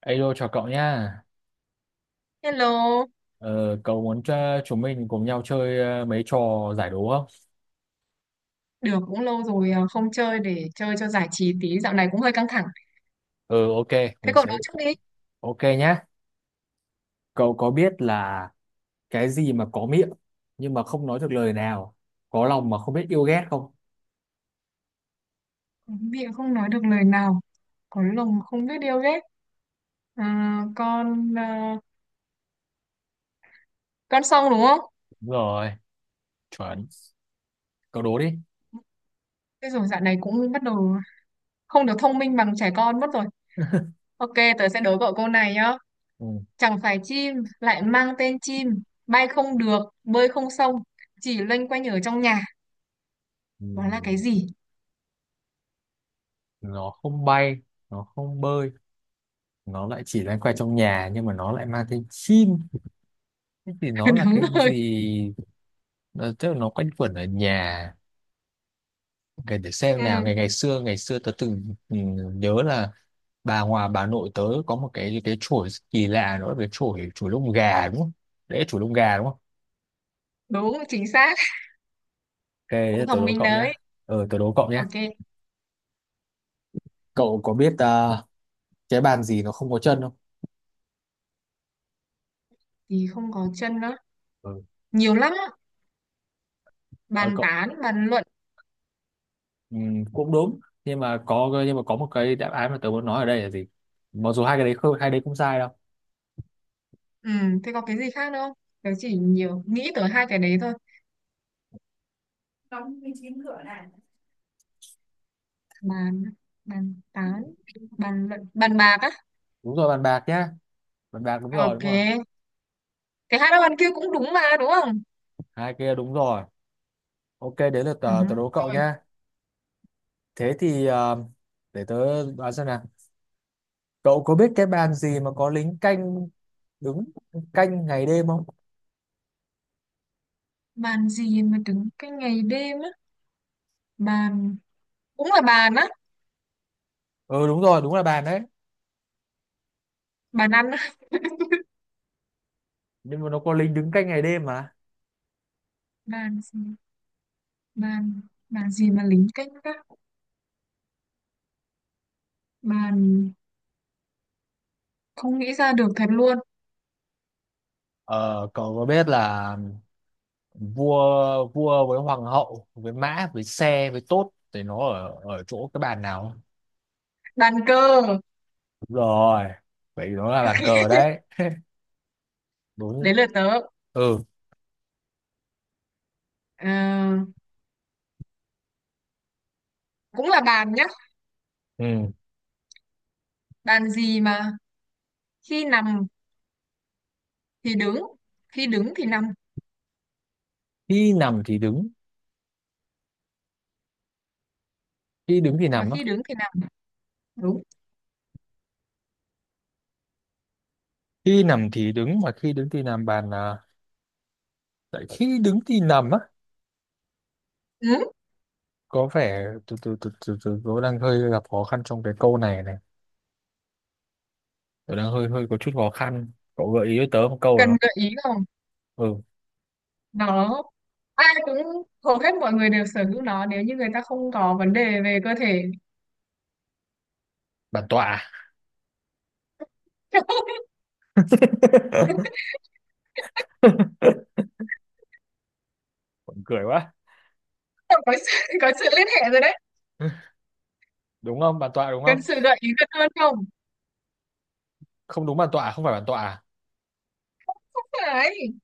Alo chào cậu nha. Hello, Ờ, Cậu muốn cho chúng mình cùng nhau chơi mấy trò giải đố không? được cũng lâu rồi à, không chơi để chơi cho giải trí tí, dạo này cũng hơi căng thẳng. Ừ, ok, Thế mình cậu nói sẽ trước đi. ok nhá. Cậu có biết là cái gì mà có miệng nhưng mà không nói được lời nào, có lòng mà không biết yêu ghét không? Miệng không nói được lời nào, có lòng không biết điều ghét. À, con xong đúng không? Đúng rồi, chuẩn. Cậu đố đi. Thế rồi dạo này cũng bắt đầu không được thông minh bằng trẻ con mất rồi. Ok, tớ sẽ đố cậu câu này nhá. Ừ. Chẳng phải chim, lại mang tên chim, bay không được, bơi không xong, chỉ loanh quanh ở trong nhà. Ừ. Đó là cái gì? Nó không bay, nó không bơi, nó lại chỉ loanh quanh trong nhà nhưng mà nó lại mang tên chim. Thế thì nó là Đúng cái rồi. gì? Tức là nó quanh quẩn ở nhà. Để xem Ừ, nào, ngày ngày xưa tớ từng nhớ là bà nội tớ có một cái chổi rất kỳ lạ, nữa cái chổi chổi lông gà đúng không? Đấy, chổi lông gà đúng không? đúng, chính xác. Ok, Cũng thế tớ thông đố minh cậu đấy. nhá. Tớ đố cậu nhá. Ok. Cậu có biết cái bàn gì nó không có chân không? Thì không có chân á, Ừ. nhiều lắm á. ờ, Bàn Cậu, tán, bàn luận. Cũng đúng, nhưng mà có một cái đáp án mà tớ muốn nói ở đây là gì, mặc dù hai đấy không sai đâu. Ừ, thế có cái gì khác nữa không? Tớ chỉ nhiều nghĩ tới hai cái đấy thôi. Bàn, bàn tán, bàn luận, bàn bạc á. Đúng rồi, bàn bạc nhá. Bàn bạc, đúng rồi, đúng Ok, rồi. cái hát bàn kia cũng đúng mà, đúng không? Hai kia đúng rồi. Ok, đến lượt Ừ. tớ, tớ đố cậu Rồi, nhá. Thế thì để tớ đoán xem nào. Cậu có biết cái bàn gì mà có lính canh đứng canh ngày đêm không? bàn gì mà đứng cái ngày đêm á? Bàn, cũng là bàn á. Ừ đúng rồi, đúng là bàn đấy. Bàn ăn á. Nhưng mà nó có lính đứng canh ngày đêm mà. Bàn gì? Bàn bàn gì mà lính canh gác? Bàn, không nghĩ ra được thật luôn. Ờ, cậu có biết là vua vua với hoàng hậu với mã với xe với tốt thì nó ở ở chỗ cái bàn nào không? Bàn cờ. Đúng rồi. Vậy nó là bàn cờ đấy. Đúng. Đấy là tớ. Ừ. Ờ, cũng là bàn nhá. Ừ. Bàn gì mà khi nằm thì đứng, khi đứng thì nằm, Khi nằm thì đứng, khi đứng thì mà nằm á. khi đứng thì nằm, đúng. Khi nằm thì đứng mà khi đứng thì nằm bàn à, tại khi đứng thì nằm á. Ừ. Có vẻ từ từ từ từ từ tôi đang hơi gặp khó khăn trong cái câu này này, tôi đang hơi hơi có chút khó khăn, cậu gợi ý cho tớ một câu Cần rồi không? gợi ý không? Ừ. Nó, ai cũng, hầu hết mọi người đều sở hữu nó nếu như người ta không có vấn đề về cơ thể. Bản tọa à? Cười quá. Có sự, có sự liên hệ rồi đấy. Đúng không, bản tọa đúng Cần không? sự gợi ý gần hơn không? Không, đúng bản tọa à? Không phải bản tọa à? Đấy,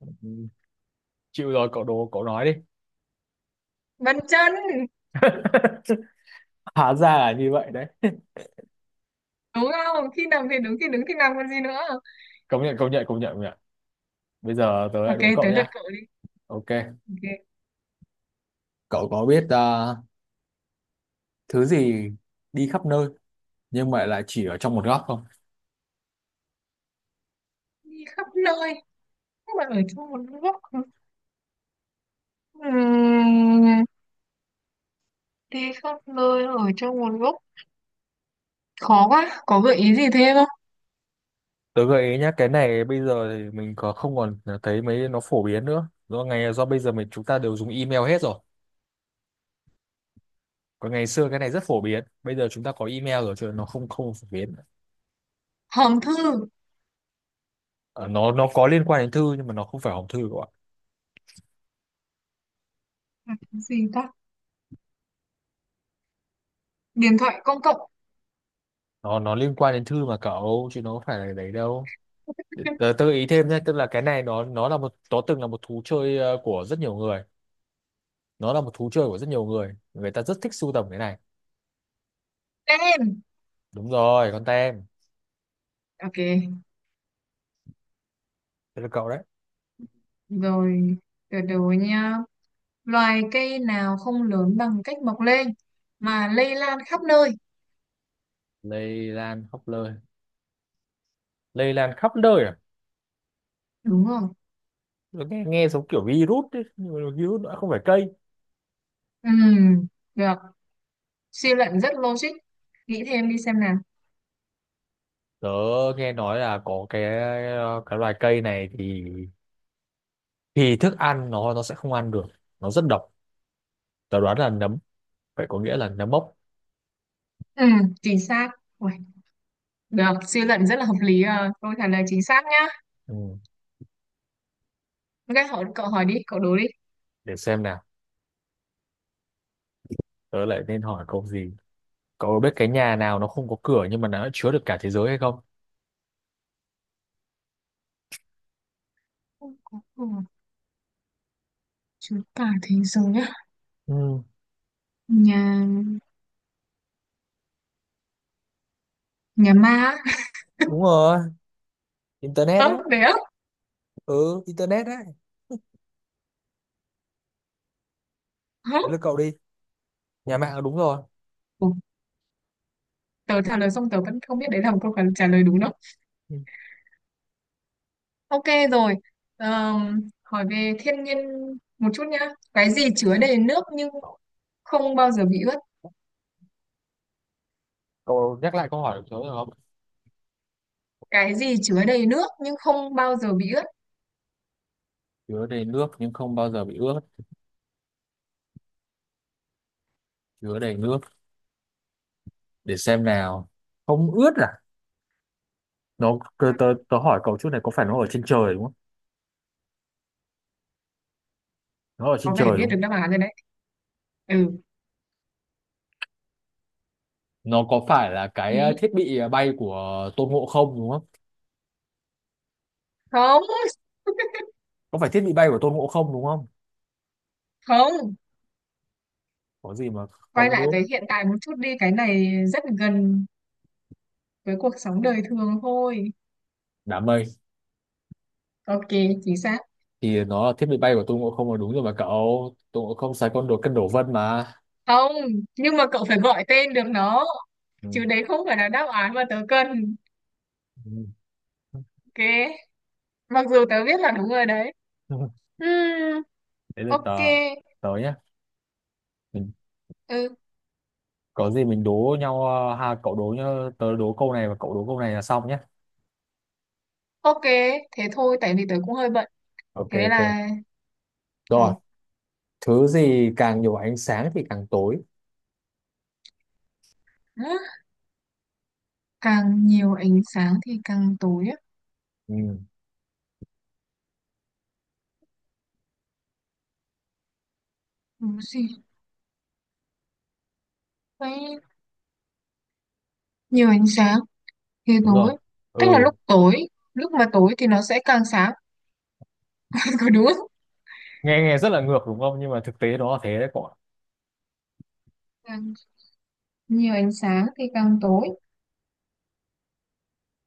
Ừ, chịu rồi, cậu nói đi. bàn chân. Hóa ra là như vậy đấy. Đúng không, khi nằm thì đứng, khi đứng thì nằm, còn gì nữa. Công nhận, công nhận, công nhận, công nhận. Bây giờ tớ lại Ok, đố cậu tới lượt nha. cậu đi. Ok. Ok, Cậu có biết à, thứ gì đi khắp nơi nhưng mà lại chỉ ở trong một góc không? đi khắp nơi nhưng mà ở trong một góc. Ừm, Đi khắp nơi ở trong một góc, khó quá, có gợi ý gì thêm không? Tớ gợi ý nhá, cái này bây giờ thì mình không còn thấy mấy nó phổ biến nữa. Do bây giờ chúng ta đều dùng email hết rồi. Còn ngày xưa cái này rất phổ biến. Bây giờ chúng ta có email rồi, chứ nó không không phổ biến. Hòm thư. Ờ, nó có liên quan đến thư nhưng mà nó không phải hòm thư các bạn. Là cái gì ta? Điện thoại công cộng. Nó liên quan đến thư mà cậu, chứ nó không phải là đấy đâu. Tớ gợi ý thêm nhé, tức là cái này nó từng là một thú chơi của rất nhiều người. Nó là một thú chơi của rất nhiều người. Người ta rất thích sưu tầm cái này. Tên Đúng rồi, con tem. ok, Thế là cậu đấy. rồi, từ từ nha, loài cây nào không lớn bằng cách mọc lên mà lây lan khắp nơi? Lây lan khắp nơi. Lây lan khắp nơi à? Đúng rồi. Nó nghe giống kiểu virus ấy, nhưng mà virus nó không phải cây. Ừ, được, suy luận rất logic, nghĩ thêm đi xem nào. Tớ nghe nói là có cái loài cây này thì thức ăn nó sẽ không ăn được, nó rất độc. Tớ đoán là nấm, phải có nghĩa là nấm mốc. Ừ, chính xác. Ui, được, suy luận rất là hợp lý à. Câu trả lời chính xác nhá. Ừ. Ok, hỏi cậu, hỏi đi cậu, đố đi. Để xem nào, tớ lại nên hỏi câu gì. Cậu biết cái nhà nào nó không có cửa nhưng mà nó lại chứa được cả thế giới hay không? Không có của Chúa cả thế giới á. Ừ, Nhà, nhà ma á. đúng rồi, internet đấy. Không đấy á? Ừ, internet đấy. Hả? Đấy là cậu đi. Nhà mạng là đúng rồi. Ủa, tớ trả lời xong tớ vẫn không biết đấy là một câu trả lời đúng đâu. Ừ. Ok, rồi. Hỏi về thiên nhiên một chút nhá. Cái gì chứa đầy nước nhưng không bao giờ bị ướt? Cậu nhắc lại câu hỏi của tớ được không? Cái gì chứa đầy nước nhưng không bao giờ bị ướt? Chứa đầy nước nhưng không bao giờ bị ướt. Chứa đầy nước, để xem nào, không ướt à? Nó, À, tớ hỏi cậu chút này, có phải nó ở trên trời đúng không? Nó ở trên có vẻ trời biết đúng được không? đáp án rồi đấy. Ừ, Nó có phải là cái ý, thiết bị bay của Tôn Ngộ không đúng không? không, Có phải thiết bị bay của Tôn Ngộ không đúng không? không, Có gì mà quay không lại đúng. với hiện tại một chút đi, cái này rất gần với cuộc sống đời thường thôi. Đám mây. Ok, chính xác. Thì nó là thiết bị bay của Tôn Ngộ không là đúng rồi mà cậu, Tôn Ngộ không xài con đồ cân đổ vân mà. Không, nhưng mà cậu phải gọi tên được nó, Ừ. chứ đấy không phải là đáp án mà tớ cần. Ừ. Ok, mặc dù tớ biết là đúng rồi đấy. Ừm, Đấy là tớ, ok. tớ nhá. Mình, Ừ, có gì mình đố nhau ha, cậu đố nhá. Tớ đố câu này và cậu đố câu này là xong nhá. ok, thế thôi tại vì tớ cũng hơi bận, Ok. thế nên Ok. là, Rồi. rồi. Thứ gì càng nhiều ánh sáng thì càng tối? Hả? Càng nhiều ánh sáng thì càng tối á? Ừ, Đúng gì. Đấy, nhiều ánh sáng thì đúng rồi. tối, tức là Ừ, lúc tối, lúc mà tối thì nó sẽ càng sáng. Có đúng không? nghe nghe rất là ngược đúng không, nhưng mà thực tế nó là thế đấy cậu ạ. Càng nhiều ánh sáng thì càng tối,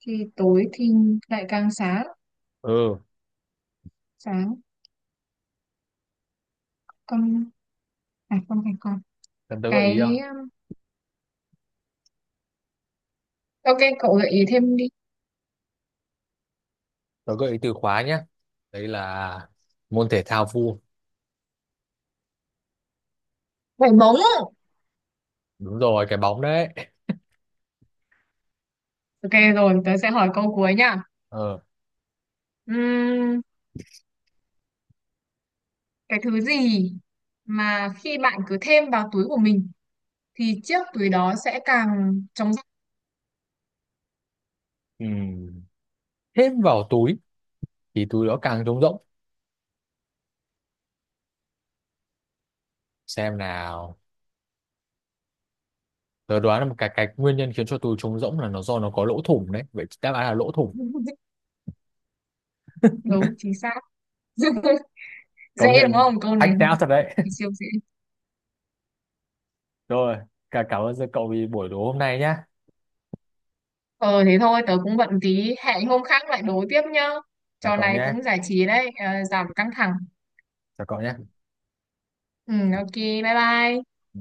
thì tối thì lại càng sáng, Ừ. sáng, còn, phải không, phải con, Cần tớ gợi ý cái không? Ok cậu gợi ý thêm đi. Tớ gợi ý từ khóa nhé, đấy là môn thể thao vua. Vải móng. Đúng rồi, cái bóng đấy. Ok, rồi tớ sẽ hỏi câu cuối nha. Ờ. Ừm, cái thứ gì mà khi bạn cứ thêm vào túi của mình thì chiếc túi đó sẽ càng trống Ừ. Thêm vào túi thì túi đó càng trống rỗng. Xem nào, tớ đoán là một cái nguyên nhân khiến cho túi trống rỗng là nó do nó có lỗ thủng, đấy vậy đáp án là lỗ thủng. rỗng? Đúng, chính xác. Công Dễ đúng nhận, không câu này, hack thôi não thật đấy. thì siêu dễ. Rồi, cảm ơn cậu vì buổi đố hôm nay nhá. Ờ thế thôi, tớ cũng bận tí, hẹn hôm khác lại đối tiếp nhá. Chào Trò cậu này nhé. cũng giải trí đấy, ờ, giảm căng thẳng. Chào cậu nhé. Ừ, ok, bye bye. Ừ.